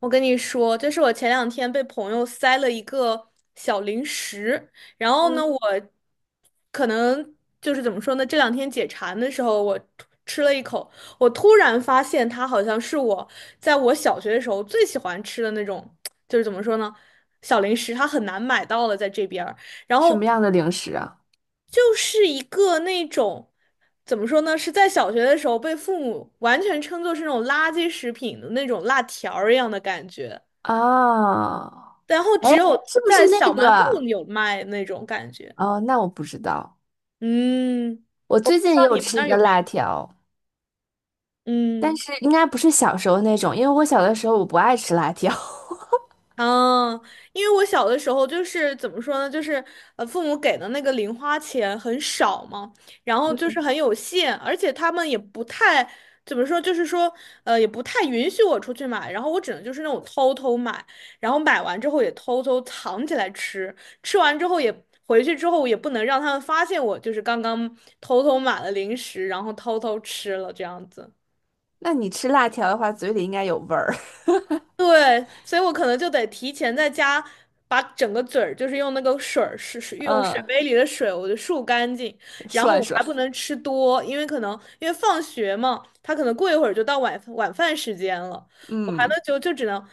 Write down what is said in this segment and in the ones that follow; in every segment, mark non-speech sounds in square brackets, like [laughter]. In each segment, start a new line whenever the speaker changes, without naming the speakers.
我跟你说，就是我前两天被朋友塞了一个小零食。然后呢，
嗯，
我可能就是怎么说呢，这两天解馋的时候，我突吃了一口，我突然发现它好像是我小学的时候最喜欢吃的那种，就是怎么说呢，小零食，它很难买到了在这边。然
什么
后
样的零食啊？
就是一个那种，怎么说呢，是在小学的时候被父母完全称作是那种垃圾食品的那种辣条儿一样的感觉，
哦，
然后只
哎，
有
是不是
在小
那
卖部
个？
有卖那种感觉。
哦，那我不知道。
嗯，不
我最
知
近
道
也有
你们
吃
那
一
儿
个
有没有？
辣条，但
嗯。
是应该不是小时候那种，因为我小的时候我不爱吃辣条。[laughs]
嗯，因为我小的时候就是怎么说呢，就是父母给的那个零花钱很少嘛，然后就是
嗯，
很有限，而且他们也不太怎么说，就是说也不太允许我出去买，然后我只能就是那种偷偷买，然后买完之后也偷偷藏起来吃，吃完之后也回去之后也不能让他们发现我就是刚刚偷偷买了零食，然后偷偷吃了这样子。
那你吃辣条的话，嘴里应该有味儿。
对，所以我可能就得提前在家把整个嘴儿，就是用那个水儿，是
[laughs]
用水
嗯，
杯里的水，我就漱干净。然后
涮
我还
涮。
不能吃多，因为可能因为放学嘛，他可能过一会儿就到晚饭时间了，我还能
嗯
就只能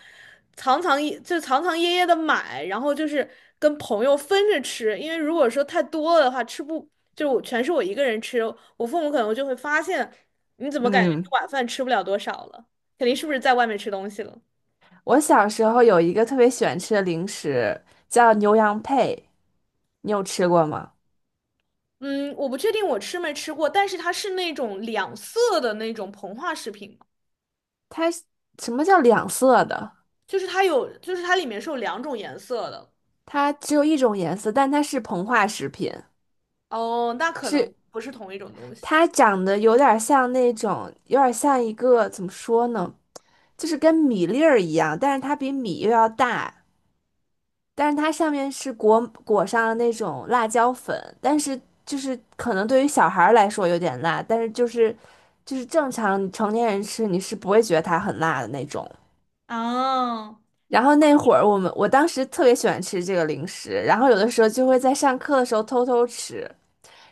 藏藏掖掖的买，然后就是跟朋友分着吃，因为如果说太多了的话，吃不就我全是我一个人吃，我父母可能就会发现你怎么感觉你
嗯，
晚饭吃不了多少了，肯定是不是在外面吃东西了。
我小时候有一个特别喜欢吃的零食，叫牛羊配，你有吃过吗？
嗯，我不确定我吃没吃过，但是它是那种两色的那种膨化食品嘛。
它是什么叫两色的？
就是它有，就是它里面是有两种颜色的。
它只有一种颜色，但它是膨化食品，
哦，那可能
是
不是同一种东西。
它长得有点像那种，有点像一个，怎么说呢，就是跟米粒儿一样，但是它比米又要大，但是它上面是裹上了那种辣椒粉，但是就是可能对于小孩儿来说有点辣，但是就是正常成年人吃你是不会觉得它很辣的那种。
哦，
然后那会儿我当时特别喜欢吃这个零食，然后有的时候就会在上课的时候偷偷吃。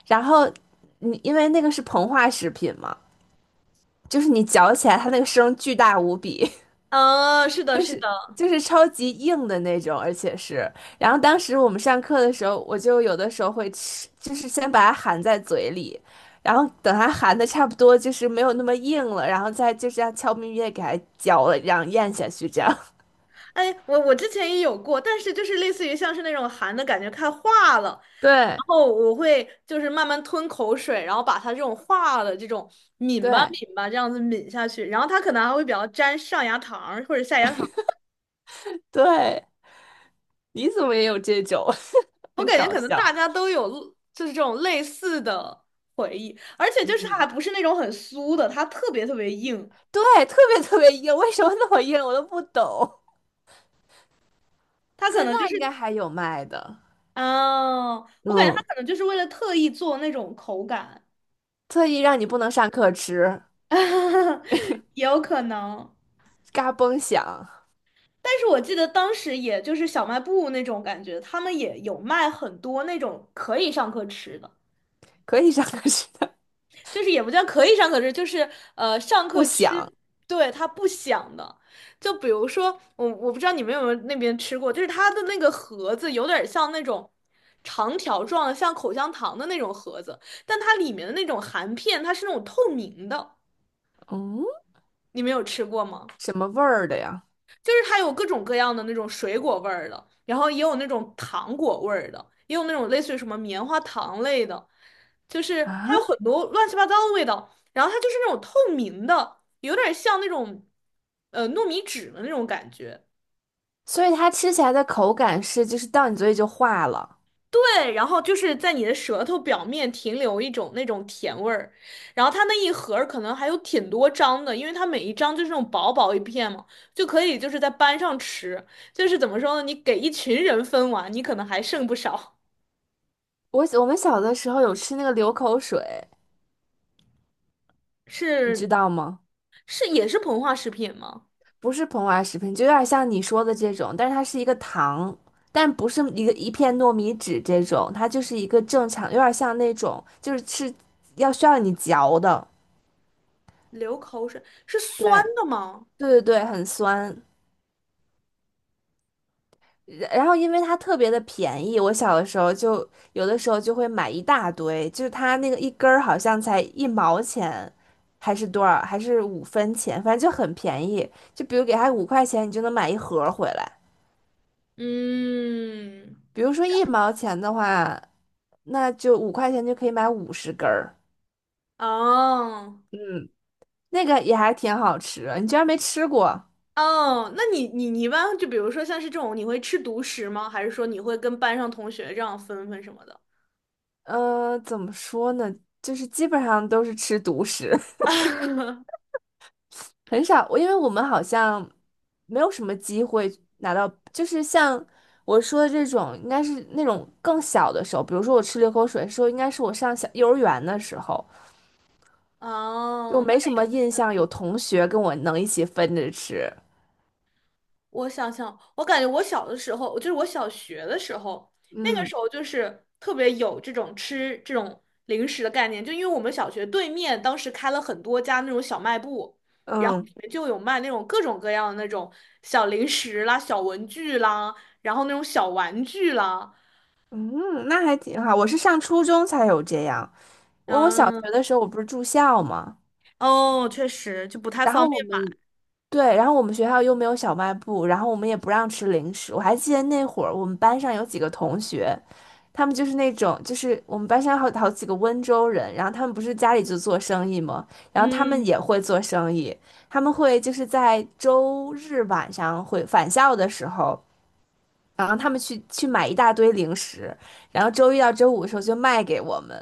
然后你因为那个是膨化食品嘛，就是你嚼起来它那个声巨大无比，
啊，是的，
就
是
是
的。
就是超级硬的那种，而且是，然后当时我们上课的时候，我就有的时候会吃，就是先把它含在嘴里，然后等它含的差不多就是没有那么硬了，然后再就这样悄咪咪的给它嚼了，然后咽下去，这样。[laughs]
哎，我之前也有过，但是就是类似于像是那种含的感觉看化了，
对
然后我会就是慢慢吞口水，然后把它这种化的这种抿吧
对
抿吧这样子抿下去，然后它可能还会比较沾上牙膛儿或者下牙膛。
对，你怎么也有这种，[laughs]
我
很
感觉
搞
可能大
笑。
家都有就是这种类似的回忆，而且就是它还
嗯。
不是那种很酥的，它特别特别硬。
对，特别特别硬，为什么那么硬，我都不懂。
它可
现在
能就是，
应该还有卖的，
嗯、我感觉它
嗯，
可能就是为了特意做那种口感，
特意让你不能上课吃，
[laughs] 也有可能。
嘎嘣响，
但是我记得当时也就是小卖部那种感觉，他们也有卖很多那种可以上课吃的。
可以上课吃的，
就是也不叫可以上课吃，就是上
不
课
响，
吃，对，它不响的。就比如说我不知道你们有没有那边吃过，就是它的那个盒子有点像那种长条状的，像口香糖的那种盒子，但它里面的那种含片它是那种透明的。
嗯，
你们有吃过吗？
什么味儿的呀？
就是它有各种各样的那种水果味儿的，然后也有那种糖果味儿的，也有那种类似于什么棉花糖类的，就是它
啊，
有很多乱七八糟的味道。然后它就是那种透明的，有点像那种糯米纸的那种感觉。
所以它吃起来的口感是，就是到你嘴里就化了。
对，然后就是在你的舌头表面停留一种那种甜味儿，然后它那一盒儿可能还有挺多张的，因为它每一张就是那种薄薄一片嘛，就可以就是在班上吃，就是怎么说呢，你给一群人分完，你可能还剩不少。
我们小的时候有吃那个流口水，你知
是，
道吗？
是也是膨化食品吗？
不是膨化食品，就有点像你说的这种，但是它是一个糖，但不是一个一片糯米纸这种，它就是一个正常，有点像那种就是吃要需要你嚼的，
流口水，是
对
酸的吗？
对对对，很酸。然后因为它特别的便宜，我小的时候就有的时候就会买一大堆，就是它那个一根儿好像才一毛钱，还是多少，还是5分钱，反正就很便宜。就比如给它五块钱，你就能买一盒儿回来。
嗯，
比如说一毛钱的话。那就五块钱就可以买50根儿，
哦。
嗯，那个也还挺好吃的。你居然没吃过？
哦，那你一般就比如说像是这种，你会吃独食吗？还是说你会跟班上同学这样分分什么的？
嗯，怎么说呢？就是基本上都是吃独食，[laughs] 很少。因为我们好像没有什么机会拿到，就是像我说的这种，应该是那种更小的时候。比如说我吃流口水的时候，应该是我上小幼儿园的时候，就
哦，那
没什
也，
么印象有同学跟我能一起分着吃。
我想想，我感觉我小的时候，就是我小学的时候，那个
嗯
时候就是特别有这种吃这种零食的概念，就因为我们小学对面当时开了很多家那种小卖部，然后
嗯。
里面就有卖那种各种各样的那种小零食啦、小文具啦，然后那种小玩具啦，
嗯，那还挺好。我是上初中才有这样。我小学的
嗯。
时候我不是住校吗？
哦，确实就不太
然
方
后我
便。
们对，然后我们学校又没有小卖部，然后我们也不让吃零食。我还记得那会儿我们班上有几个同学，他们就是那种就是我们班上好几个温州人，然后他们不是家里就做生意嘛，然后他们也
嗯，
会做生意，他们会就是在周日晚上会返校的时候。然后他们去买一大堆零食，然后周一到周五的时候就卖给我们。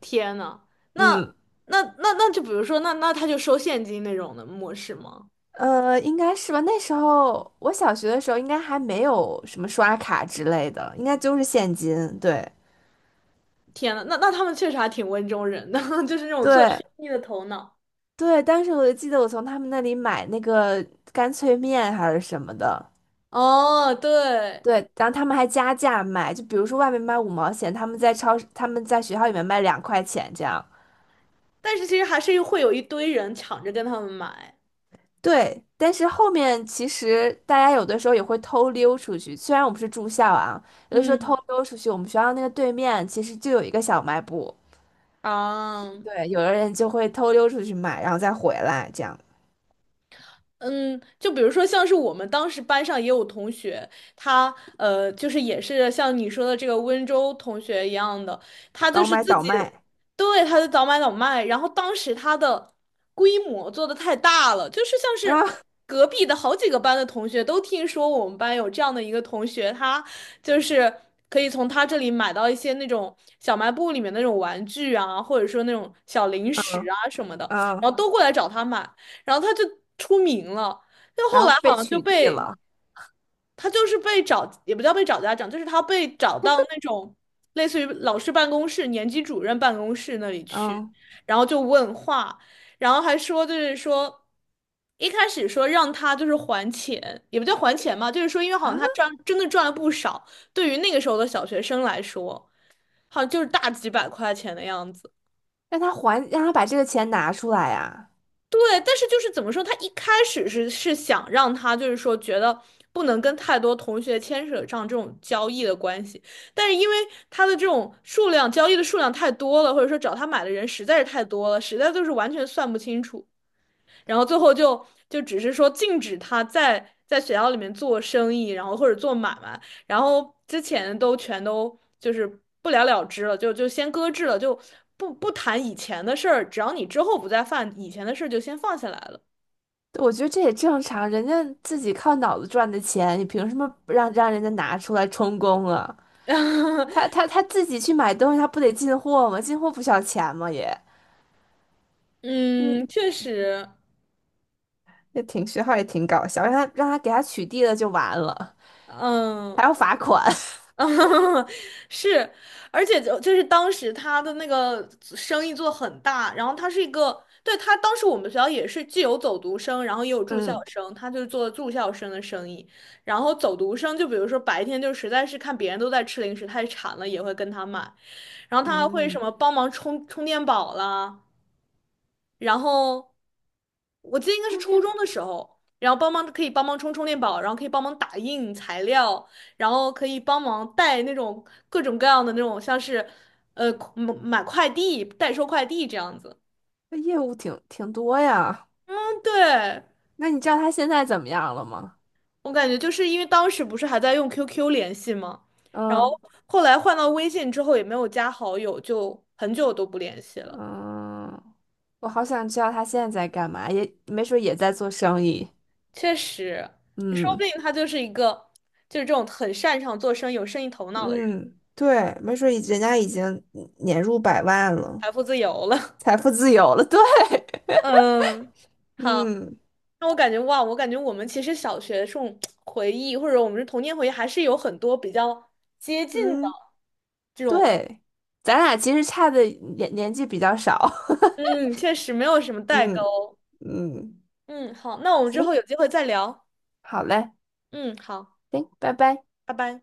天呐，那
嗯，
那就比如说，那他就收现金那种的模式吗？
应该是吧。那时候我小学的时候，应该还没有什么刷卡之类的，应该就是现金。对，
天呐，那那他们确实还挺温州人的，[laughs] 就是那种做生
对，
意的头脑。
对。当时我就记得我从他们那里买那个干脆面还是什么的。
哦，对，
对，然后他们还加价卖，就比如说外面卖5毛钱，他们在超市，他们在学校里面卖2块钱这样。
但是其实还是会有一堆人抢着跟他们买。
对，但是后面其实大家有的时候也会偷溜出去，虽然我们是住校啊，有的时候偷
嗯，
溜出去。我们学校那个对面其实就有一个小卖部，
啊。
对，有的人就会偷溜出去买，然后再回来，这样
嗯，就比如说，像是我们当时班上也有同学，他就是也是像你说的这个温州同学一样的，他就
倒
是
买
自
倒
己。
卖
对，他就早买早卖，然后当时他的规模做的太大了，就是像
啊，
是隔壁的好几个班的同学都听说我们班有这样的一个同学，他就是可以从他这里买到一些那种小卖部里面那种玩具啊，或者说那种小零食
嗯
啊什么的，然
嗯，
后都过来找他买。然后他就出名了，就
然
后来
后被
好像就
取缔
被
了，
他就是被找，也不叫被找家长，就是他被找到那种类似于老师办公室、年级主任办公室那里去，
嗯
然后就问话，然后还说就是说。一开始说让他就是还钱，也不叫还钱嘛，就是说因为好像
啊，
他赚真的赚了不少，对于那个时候的小学生来说，好像就是大几百块钱的样子。
让他还，让他把这个钱拿出来呀。
对，但是就是怎么说，他一开始是想让他就是说觉得不能跟太多同学牵扯上这种交易的关系，但是因为他的这种数量交易的数量太多了，或者说找他买的人实在是太多了，实在就是完全算不清楚。然后最后就只是说禁止他在学校里面做生意，然后或者做买卖，然后之前都全都就是不了了之了，就先搁置了，就不谈以前的事儿，只要你之后不再犯以前的事儿，就先放下来了。
对，我觉得这也正常，人家自己靠脑子赚的钱，你凭什么不让人家拿出来充公啊？他
[laughs]
他他自己去买东西，他不得进货吗？进货不需要钱吗？也，嗯，
嗯，确实，
也挺徐号也挺搞笑，让他给他取缔了就完了，还
嗯，
要罚款。
啊，[laughs] 是，而且就是当时他的那个生意做很大，然后他是一个，对，他当时我们学校也是既有走读生，然后也有
[laughs]
住校
嗯
生，他就做住校生的生意，然后走读生就比如说白天就实在是看别人都在吃零食太馋了，也会跟他买，然后他还会什
嗯，
么帮忙充充电宝啦，然后我记得应该是
充
初
电
中
宝
的时候，然后帮忙可以帮忙充充电宝，然后可以帮忙打印材料，然后可以帮忙带那种各种各样的那种像是买快递、代收快递这样子。
这业务挺多呀。
嗯，对，
那你知道他现在怎么样了吗？
我感觉就是因为当时不是还在用 QQ 联系吗？然后
嗯
后来换到微信之后也没有加好友，就很久都不联系了。
嗯，我好想知道他现在在干嘛，也没准也在做生意。
确实，说不
嗯
定他就是一个就是这种很擅长做生意、有生意头脑的人。
嗯，对，没准人家已经年入百万了。
财富自由了。
财富自由了，对。
[laughs] 嗯，
[laughs]
好。
嗯。
那我感觉哇，我感觉我们其实小学这种回忆，或者我们的童年回忆，还是有很多比较接近的
嗯，
这种。
对，咱俩其实差的年纪比较少。
嗯，确实没有什么
[laughs]
代
嗯
沟。
嗯，
嗯，好，那我们之
行，
后有机会再聊。
好嘞，
嗯，好，
行，拜拜。
拜拜。